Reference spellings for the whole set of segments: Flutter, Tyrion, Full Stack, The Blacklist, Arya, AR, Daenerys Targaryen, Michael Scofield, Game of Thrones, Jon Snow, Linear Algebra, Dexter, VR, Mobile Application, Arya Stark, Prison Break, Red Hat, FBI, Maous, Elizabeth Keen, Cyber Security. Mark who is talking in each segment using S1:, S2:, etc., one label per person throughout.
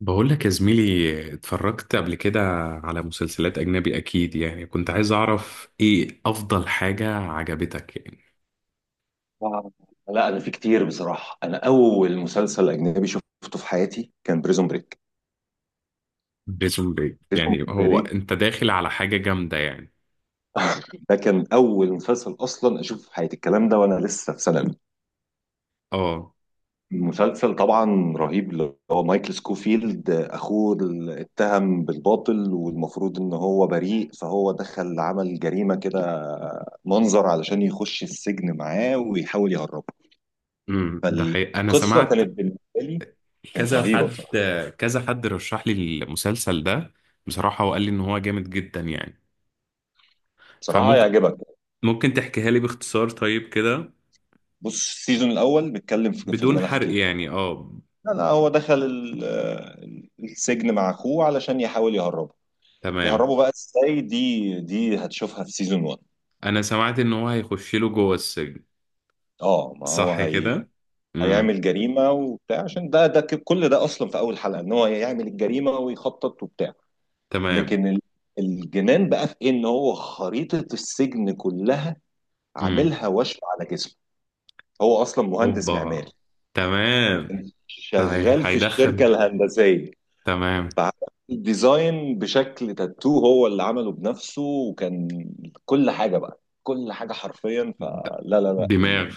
S1: بقول لك يا زميلي، اتفرجت قبل كده على مسلسلات أجنبي. أكيد يعني كنت عايز أعرف إيه أفضل حاجة عجبتك يعني.
S2: آه، لا انا في كتير بصراحه. انا اول مسلسل اجنبي شفته في حياتي كان بريزون بريك.
S1: بريزون بريك؟
S2: بريزون
S1: يعني هو
S2: بريك
S1: أنت داخل على حاجة جامدة يعني.
S2: ده كان اول مسلسل اصلا اشوفه في حياتي الكلام ده وانا لسه في ثانوي.
S1: آه
S2: مسلسل طبعا رهيب، اللي هو مايكل سكوفيلد اخوه اللي اتهم بالباطل والمفروض ان هو بريء، فهو دخل عمل جريمه كده منظر علشان يخش السجن معاه ويحاول يهربه.
S1: ده حقيقي، أنا
S2: فالقصه
S1: سمعت.
S2: كانت بالنسبه لي، كانت
S1: كذا
S2: رهيبه
S1: حد،
S2: بصراحه.
S1: كذا حد رشح لي المسلسل ده بصراحة، وقال لي إن هو جامد جدا يعني.
S2: بصراحه
S1: فممكن،
S2: يعجبك.
S1: ممكن تحكيها لي باختصار طيب كده،
S2: بص، السيزون الاول بيتكلم في
S1: بدون
S2: اللي انا
S1: حرق
S2: حكيته
S1: يعني.
S2: ده. لا لا، هو دخل السجن مع اخوه علشان يحاول يهربه.
S1: تمام.
S2: يهربه بقى ازاي، دي هتشوفها في سيزون 1.
S1: أنا سمعت إن هو هيخش له جوه السجن،
S2: اه، ما هو
S1: صح
S2: هي
S1: كده؟ امم
S2: هيعمل جريمه وبتاع، عشان كل ده اصلا في اول حلقه، ان هو يعمل الجريمه ويخطط وبتاع.
S1: تمام.
S2: لكن الجنان بقى في إيه؟ ان هو خريطه السجن كلها
S1: امم
S2: عاملها وشم على جسمه. هو اصلا مهندس
S1: اوبا،
S2: معماري
S1: تمام.
S2: شغال في الشركه
S1: هيدخن.
S2: الهندسيه.
S1: تمام.
S2: فعمل الديزاين بشكل تاتو، هو اللي عمله بنفسه، وكان كل حاجة بقى كل حاجة حرفيا.
S1: د-
S2: فلا لا لا،
S1: دماغ.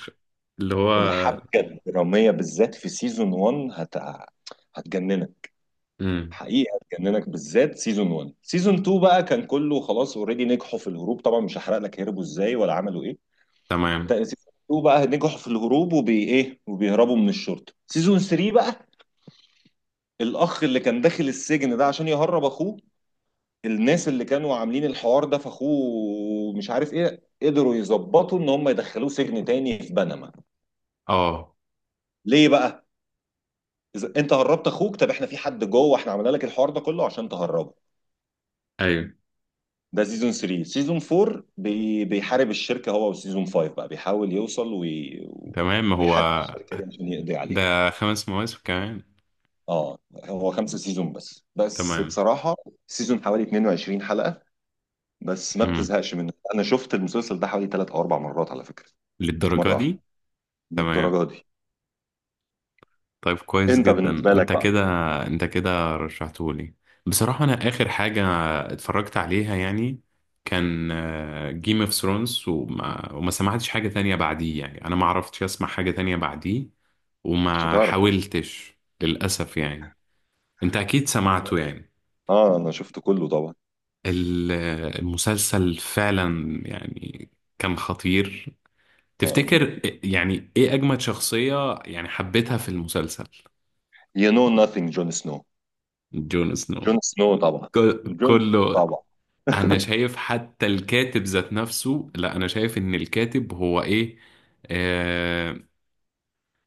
S1: اللي هو
S2: الحبكة الدرامية بالذات في سيزون 1 هتجننك.
S1: امم
S2: حقيقة هتجننك بالذات سيزون 1. سيزون 2 بقى كان كله خلاص اوريدي، نجحوا في الهروب طبعا، مش هحرق لك هربوا ازاي ولا عملوا ايه.
S1: تمام.
S2: سيزون 2 بقى نجحوا في الهروب، وبي ايه، وبيهربوا من الشرطة. سيزون 3 بقى، الاخ اللي كان داخل السجن ده عشان يهرب اخوه، الناس اللي كانوا عاملين الحوار ده في اخوه مش عارف ايه، قدروا يظبطوا ان هم يدخلوه سجن تاني في بنما.
S1: اه
S2: ليه بقى؟ إذا انت هربت اخوك، طب احنا في حد جوه، احنا عملنا لك الحوار ده كله عشان تهربه.
S1: ايوه.
S2: ده سيزون 3. سيزون 4 بيحارب الشركه، هو. وسيزون 5 بقى بيحاول يوصل
S1: تمام. هو
S2: ويحارب الشركه دي عشان يقضي عليها.
S1: ده خمس مواسم كمان؟
S2: اه، هو خمسة سيزون بس، بس
S1: تمام.
S2: بصراحة سيزون حوالي 22 حلقة، بس ما
S1: امم
S2: بتزهقش منه. انا شفت المسلسل ده حوالي ثلاث او اربع مرات على فكرة، مش
S1: للدرجة
S2: مرة واحدة.
S1: دي؟ تمام.
S2: للدرجه دي.
S1: طيب كويس
S2: انت
S1: جدا،
S2: بالنسبه لك
S1: انت كده،
S2: بقى؟
S1: انت كده رشحتهولي. بصراحة، انا اخر حاجة اتفرجت عليها يعني كان جيم اوف ثرونز، وما سمعتش حاجة تانية بعديه يعني. انا ما عرفتش اسمع حاجة تانية بعديه
S2: مش
S1: وما
S2: هتعرف.
S1: حاولتش للأسف يعني. انت اكيد سمعته يعني،
S2: اه، انا شفت كله طبعا.
S1: ال- المسلسل فعلا يعني كان خطير.
S2: اه،
S1: تفتكر يعني ايه اجمد شخصية يعني حبيتها في المسلسل؟
S2: you know nothing جون سنو.
S1: جون سنو.
S2: جون سنو طبعا. جون سنو
S1: كله.
S2: طبعا.
S1: انا شايف حتى الكاتب ذات نفسه. لا، انا شايف ان الكاتب هو ايه، آه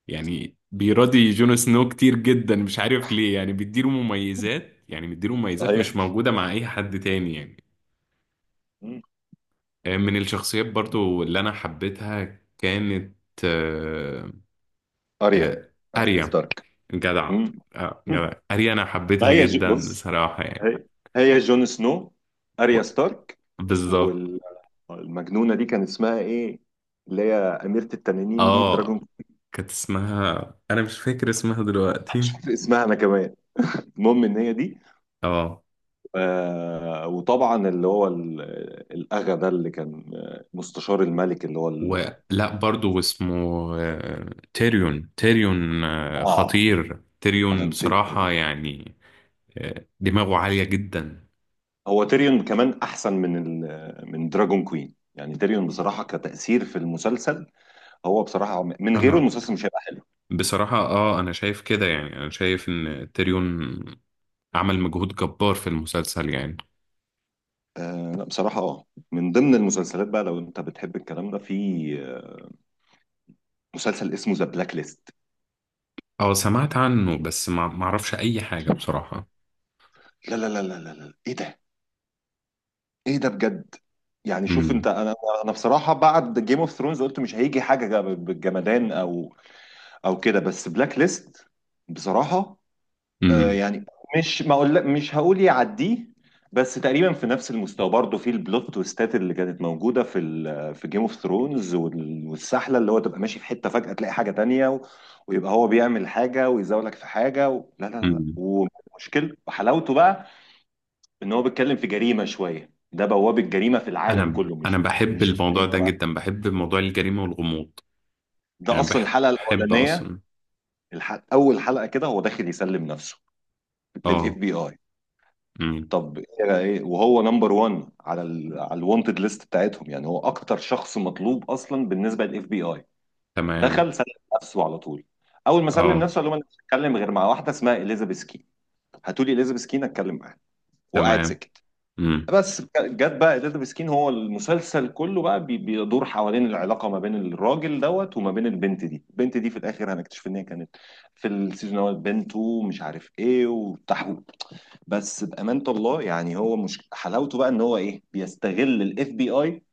S1: يعني بيراضي جون سنو كتير جدا، مش عارف ليه يعني. بيديله مميزات يعني، بيديله مميزات مش
S2: صحيح.
S1: موجودة مع اي حد تاني يعني.
S2: مم.
S1: من الشخصيات برضو اللي انا حبيتها كانت، آه
S2: اريا.
S1: آه
S2: اريا
S1: اريا،
S2: ستارك.
S1: جدع.
S2: مم. مم.
S1: جدع اريا، انا
S2: ما
S1: حبيتها
S2: هي
S1: جدا
S2: بص،
S1: بصراحة يعني.
S2: هي هي جون سنو، اريا
S1: و-
S2: ستارك.
S1: بالظبط.
S2: والمجنونه دي كان اسمها ايه، اللي هي اميره التنانين دي،
S1: اه
S2: دراجون.
S1: كانت اسمها، انا مش فاكر اسمها دلوقتي.
S2: اسمها انا كمان. المهم ان هي دي.
S1: اه.
S2: آه، وطبعا اللي هو الأغا ده اللي كان، مستشار الملك اللي هو
S1: ولا برضو اسمه، آه، تيريون، تيريون.
S2: آه
S1: خطير
S2: أنا
S1: تيريون
S2: نسيت
S1: بصراحة
S2: تيريون.
S1: يعني. دماغه عالية جدا.
S2: هو تيريون كمان أحسن من من دراجون كوين. يعني تيريون بصراحة كتأثير في المسلسل، هو بصراحة من غيره
S1: أنا
S2: المسلسل مش هيبقى حلو.
S1: بصراحة أنا شايف كده يعني، أنا شايف إن تيريون عمل مجهود جبار في المسلسل يعني.
S2: آه لا بصراحة، من ضمن المسلسلات بقى، لو أنت بتحب الكلام ده، في مسلسل اسمه ذا بلاك ليست.
S1: اه سمعت عنه، بس ما أعرفش أي حاجة بصراحة.
S2: لا لا لا لا لا لا. إيه ده؟ ايه ده بجد؟ يعني شوف
S1: امم
S2: انت، انا بصراحه بعد جيم اوف ثرونز قلت مش هيجي حاجه بالجمدان، او كده، بس بلاك ليست بصراحه.
S1: امم
S2: يعني، مش ما اقول لك، مش هقول يعديه، بس تقريبا في نفس المستوى برضه في البلوت تويستات اللي كانت موجوده في جيم اوف ثرونز. والسحله اللي هو تبقى ماشي في حته فجاه تلاقي حاجه تانية، و... ويبقى هو بيعمل حاجه ويزاولك في حاجه. و... لا لا لا،
S1: امم
S2: ومشكله وحلاوته بقى ان هو بيتكلم في جريمه شويه، ده بوابه جريمه في العالم
S1: أنا،
S2: كله،
S1: بحب
S2: مش في
S1: الموضوع ده
S2: امريكا بقى.
S1: جدا، بحب موضوع الجريمة والغموض
S2: ده
S1: يعني.
S2: اصلا
S1: بحب،
S2: الحلقه
S1: بحب
S2: الاولانيه،
S1: أصلا.
S2: اول حلقه كده هو داخل يسلم نفسه للاف
S1: اه
S2: بي اي.
S1: امم
S2: طب ايه؟ وهو نمبر 1 على ال على الوانتد ليست بتاعتهم. يعني هو اكتر شخص مطلوب اصلا بالنسبه للاف بي اي.
S1: تمام.
S2: دخل سلم نفسه على طول. اول ما سلم
S1: اه
S2: نفسه قال لهم انا مش هتكلم غير مع واحده اسمها اليزابيث كين. هاتولي اليزابيث كين، اتكلم معاها، وقعد
S1: تمام.
S2: سكت.
S1: امم
S2: بس جت بقى داتا مسكين، هو المسلسل كله بقى بيدور حوالين العلاقه ما بين الراجل دوت وما بين البنت دي. البنت دي في الاخر هنكتشف ان هي كانت في السيزون الاول بنته ومش عارف ايه وتحويل. بس بامانه الله، يعني هو، مش حلاوته بقى ان هو ايه، بيستغل الاف بي اي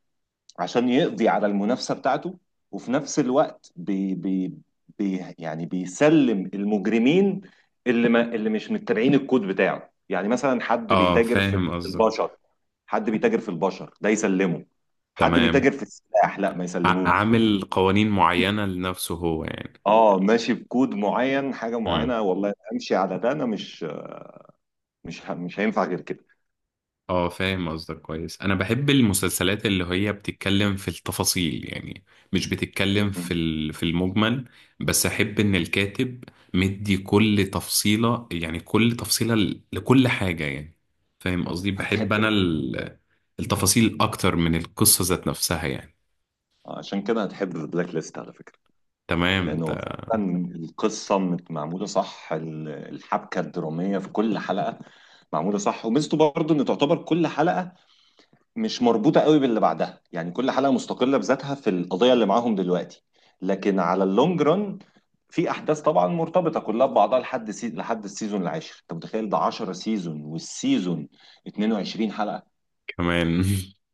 S2: عشان يقضي على المنافسة بتاعته. وفي نفس الوقت بي بي بي يعني بيسلم المجرمين اللي، ما، اللي مش متبعين الكود بتاعه. يعني مثلا حد
S1: اه
S2: بيتاجر في
S1: فاهم قصدك.
S2: البشر، حد بيتاجر في البشر ده يسلمه. حد
S1: تمام.
S2: بيتاجر في السلاح لا ما يسلموش.
S1: عامل قوانين معينة لنفسه هو يعني.
S2: اه، ماشي بكود معين، حاجة
S1: امم
S2: معينة، والله امشي على ده، انا مش هينفع غير كده.
S1: اه فاهم قصدك كويس. انا بحب المسلسلات اللي هي بتتكلم في التفاصيل يعني، مش بتتكلم في
S2: مم.
S1: في المجمل. بس احب ان الكاتب مدي كل تفصيلة يعني، كل تفصيلة لكل حاجة يعني. فاهم قصدي؟ بحب
S2: هتحب
S1: انا
S2: ده.
S1: التفاصيل اكتر من القصة ذات نفسها يعني.
S2: آه، عشان كده هتحب البلاك ليست على فكرة.
S1: تمام. ده
S2: لأنه فعلا القصة معمولة صح، الحبكة الدرامية في كل حلقة معمولة صح. وميزته برضه إن تعتبر كل حلقة مش مربوطة قوي باللي بعدها. يعني كل حلقة مستقلة بذاتها في القضية اللي معاهم دلوقتي، لكن على اللونج ران في أحداث طبعا مرتبطة كلها ببعضها لحد لحد السيزون العاشر. أنت متخيل؟ ده 10 سيزون، والسيزون 22 حلقة.
S1: كمان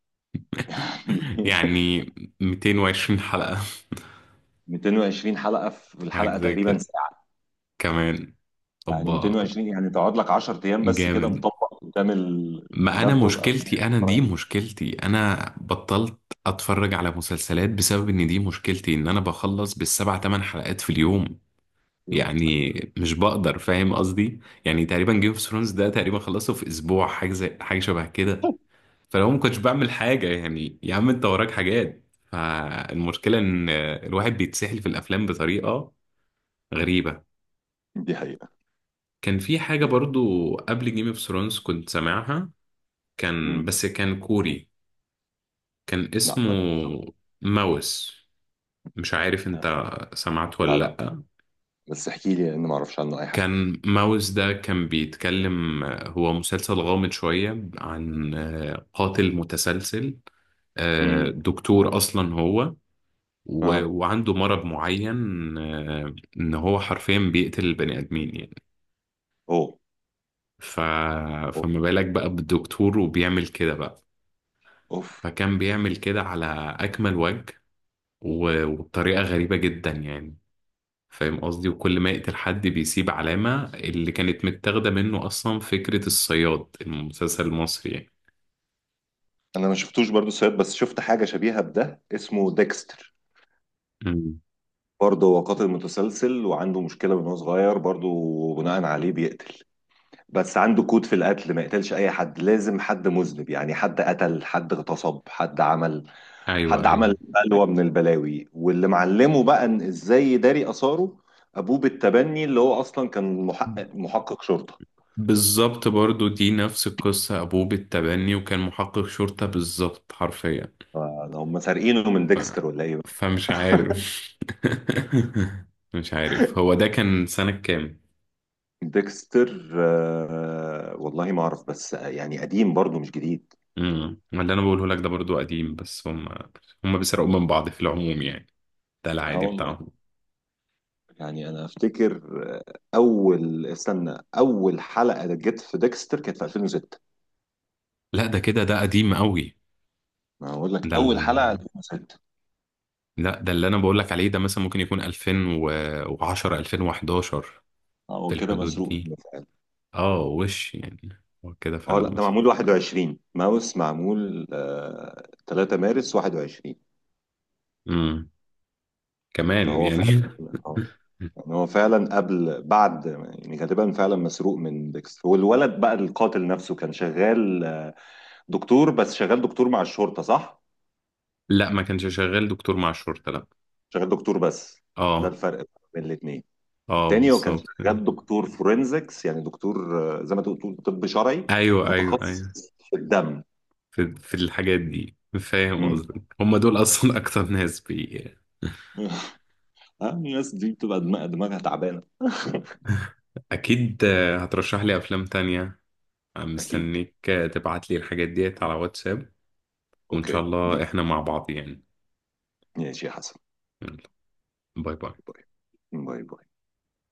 S1: يعني 220 حلقة.
S2: 220 حلقة، في
S1: حاجة
S2: الحلقة
S1: زي
S2: تقريبا
S1: كده
S2: ساعه.
S1: كمان. طب
S2: يعني 220، يعني تقعد لك 10 ايام بس كده
S1: جامد.
S2: مطبق قدام
S1: ما أنا
S2: اللابتوب او
S1: مشكلتي، أنا
S2: الحاجة
S1: دي
S2: دي.
S1: مشكلتي، أنا بطلت أتفرج على مسلسلات بسبب إن، دي مشكلتي، إن أنا بخلص بالسبع تمن حلقات في اليوم
S2: يلا.
S1: يعني. مش بقدر، فاهم قصدي؟ يعني تقريبا جيم اوف ثرونز ده تقريبا خلصته في أسبوع، حاجة زي، حاجة شبه كده. فلو ما كنتش بعمل حاجة يعني، يا عم أنت وراك حاجات. فالمشكلة إن الواحد بيتسحل في الأفلام بطريقة غريبة.
S2: دي حقيقة.
S1: كان في حاجة
S2: دي حقيقة.
S1: برضو قبل جيم اوف ثرونز كنت سامعها، كان،
S2: امم.
S1: بس كان كوري، كان
S2: لا
S1: اسمه
S2: ما.
S1: ماوس. مش عارف انت سمعته
S2: لا
S1: ولا
S2: لا.
S1: لأ.
S2: بس احكي لي لان ما اعرفش عنه اي حاجة.
S1: كان ماوس ده كان بيتكلم، هو مسلسل غامض شوية عن قاتل متسلسل.
S2: امم.
S1: دكتور أصلا هو،
S2: اه.
S1: وعنده مرض معين، ان هو حرفيا بيقتل البني آدمين يعني.
S2: اوه.
S1: ف... فما بالك بقى بالدكتور وبيعمل كده بقى.
S2: اوف.
S1: فكان بيعمل كده على أكمل وجه، وبطريقة غريبة جدا يعني. فاهم قصدي؟ وكل ما يقتل حد بيسيب علامة. اللي كانت متاخدة منه أصلا فكرة الصياد المسلسل المصري يعني.
S2: انا ما شفتوش برضو سيد، بس شفت حاجة شبيهة بده اسمه ديكستر.
S1: مم.
S2: برضه هو قاتل متسلسل، وعنده مشكلة من هو صغير، برضه بناء عليه بيقتل. بس عنده كود في القتل، ما يقتلش اي حد، لازم حد مذنب. يعني حد قتل، حد اغتصب،
S1: أيوه،
S2: حد
S1: أيوه
S2: عمل بلوى من البلاوي. واللي معلمه بقى ان ازاي يداري اثاره ابوه بالتبني، اللي هو اصلا كان محقق، محقق شرطه.
S1: بالظبط. برضو دي نفس القصة، أبوه بالتبني وكان محقق شرطة، بالظبط حرفيا.
S2: هم سارقينه من
S1: ف...
S2: ديكستر ولا ايه بقى؟
S1: فمش عارف. مش عارف هو ده كان سنة كام.
S2: ديكستر، والله ما اعرف، بس يعني قديم برضه مش جديد.
S1: ما اللي انا بقوله لك ده برضو قديم، بس هم، هم بيسرقوا من بعض في العموم يعني، ده العادي
S2: هقول،
S1: بتاعهم.
S2: يعني انا افتكر اول، استنى، اول حلقه جت في ديكستر كانت في 2006.
S1: لا ده كده، ده قديم قوي.
S2: انا هقول لك
S1: ده
S2: اول حلقه
S1: ال...
S2: 2006.
S1: لا ده اللي انا بقول لك عليه ده مثلا ممكن يكون 2010 2011،
S2: هو
S1: في
S2: كده
S1: الحدود
S2: مسروق
S1: دي.
S2: منه.
S1: اه وش يعني، هو كده
S2: اه
S1: فعلا
S2: لا، ده
S1: مثلا.
S2: معمول 21، ماوس معمول، 3 مارس 21.
S1: امم كمان
S2: فهو
S1: يعني.
S2: فعلا، اه، يعني هو فعلا قبل بعد، يعني غالبا فعلا مسروق من ديكس. هو الولد بقى القاتل نفسه كان شغال، دكتور بس، شغال دكتور مع الشرطة صح؟
S1: لا ما كانش شغال دكتور مع الشرطة، لا.
S2: شغال دكتور بس. ده
S1: اه.
S2: الفرق بين الاثنين.
S1: اه
S2: التاني هو كان
S1: بالظبط.
S2: شغال دكتور فورنزكس، يعني دكتور، زي ما تقول طب شرعي،
S1: ايوه، ايوه،
S2: متخصص
S1: ايوه.
S2: في الدم.
S1: في الحاجات دي فاهم
S2: امم.
S1: قصدك. هم دول اصلا اكتر ناس بي.
S2: آه، الناس دي بتبقى دماغها تعبانة.
S1: اكيد، هترشح لي افلام تانية. أنا
S2: أكيد.
S1: مستنيك، تبعت لي الحاجات ديت على واتساب. وان شاء
S2: اوكي دي.
S1: الله احنا مع بعض يعني.
S2: ماشي يا حسن.
S1: يلا، باي باي.
S2: باي باي. باي.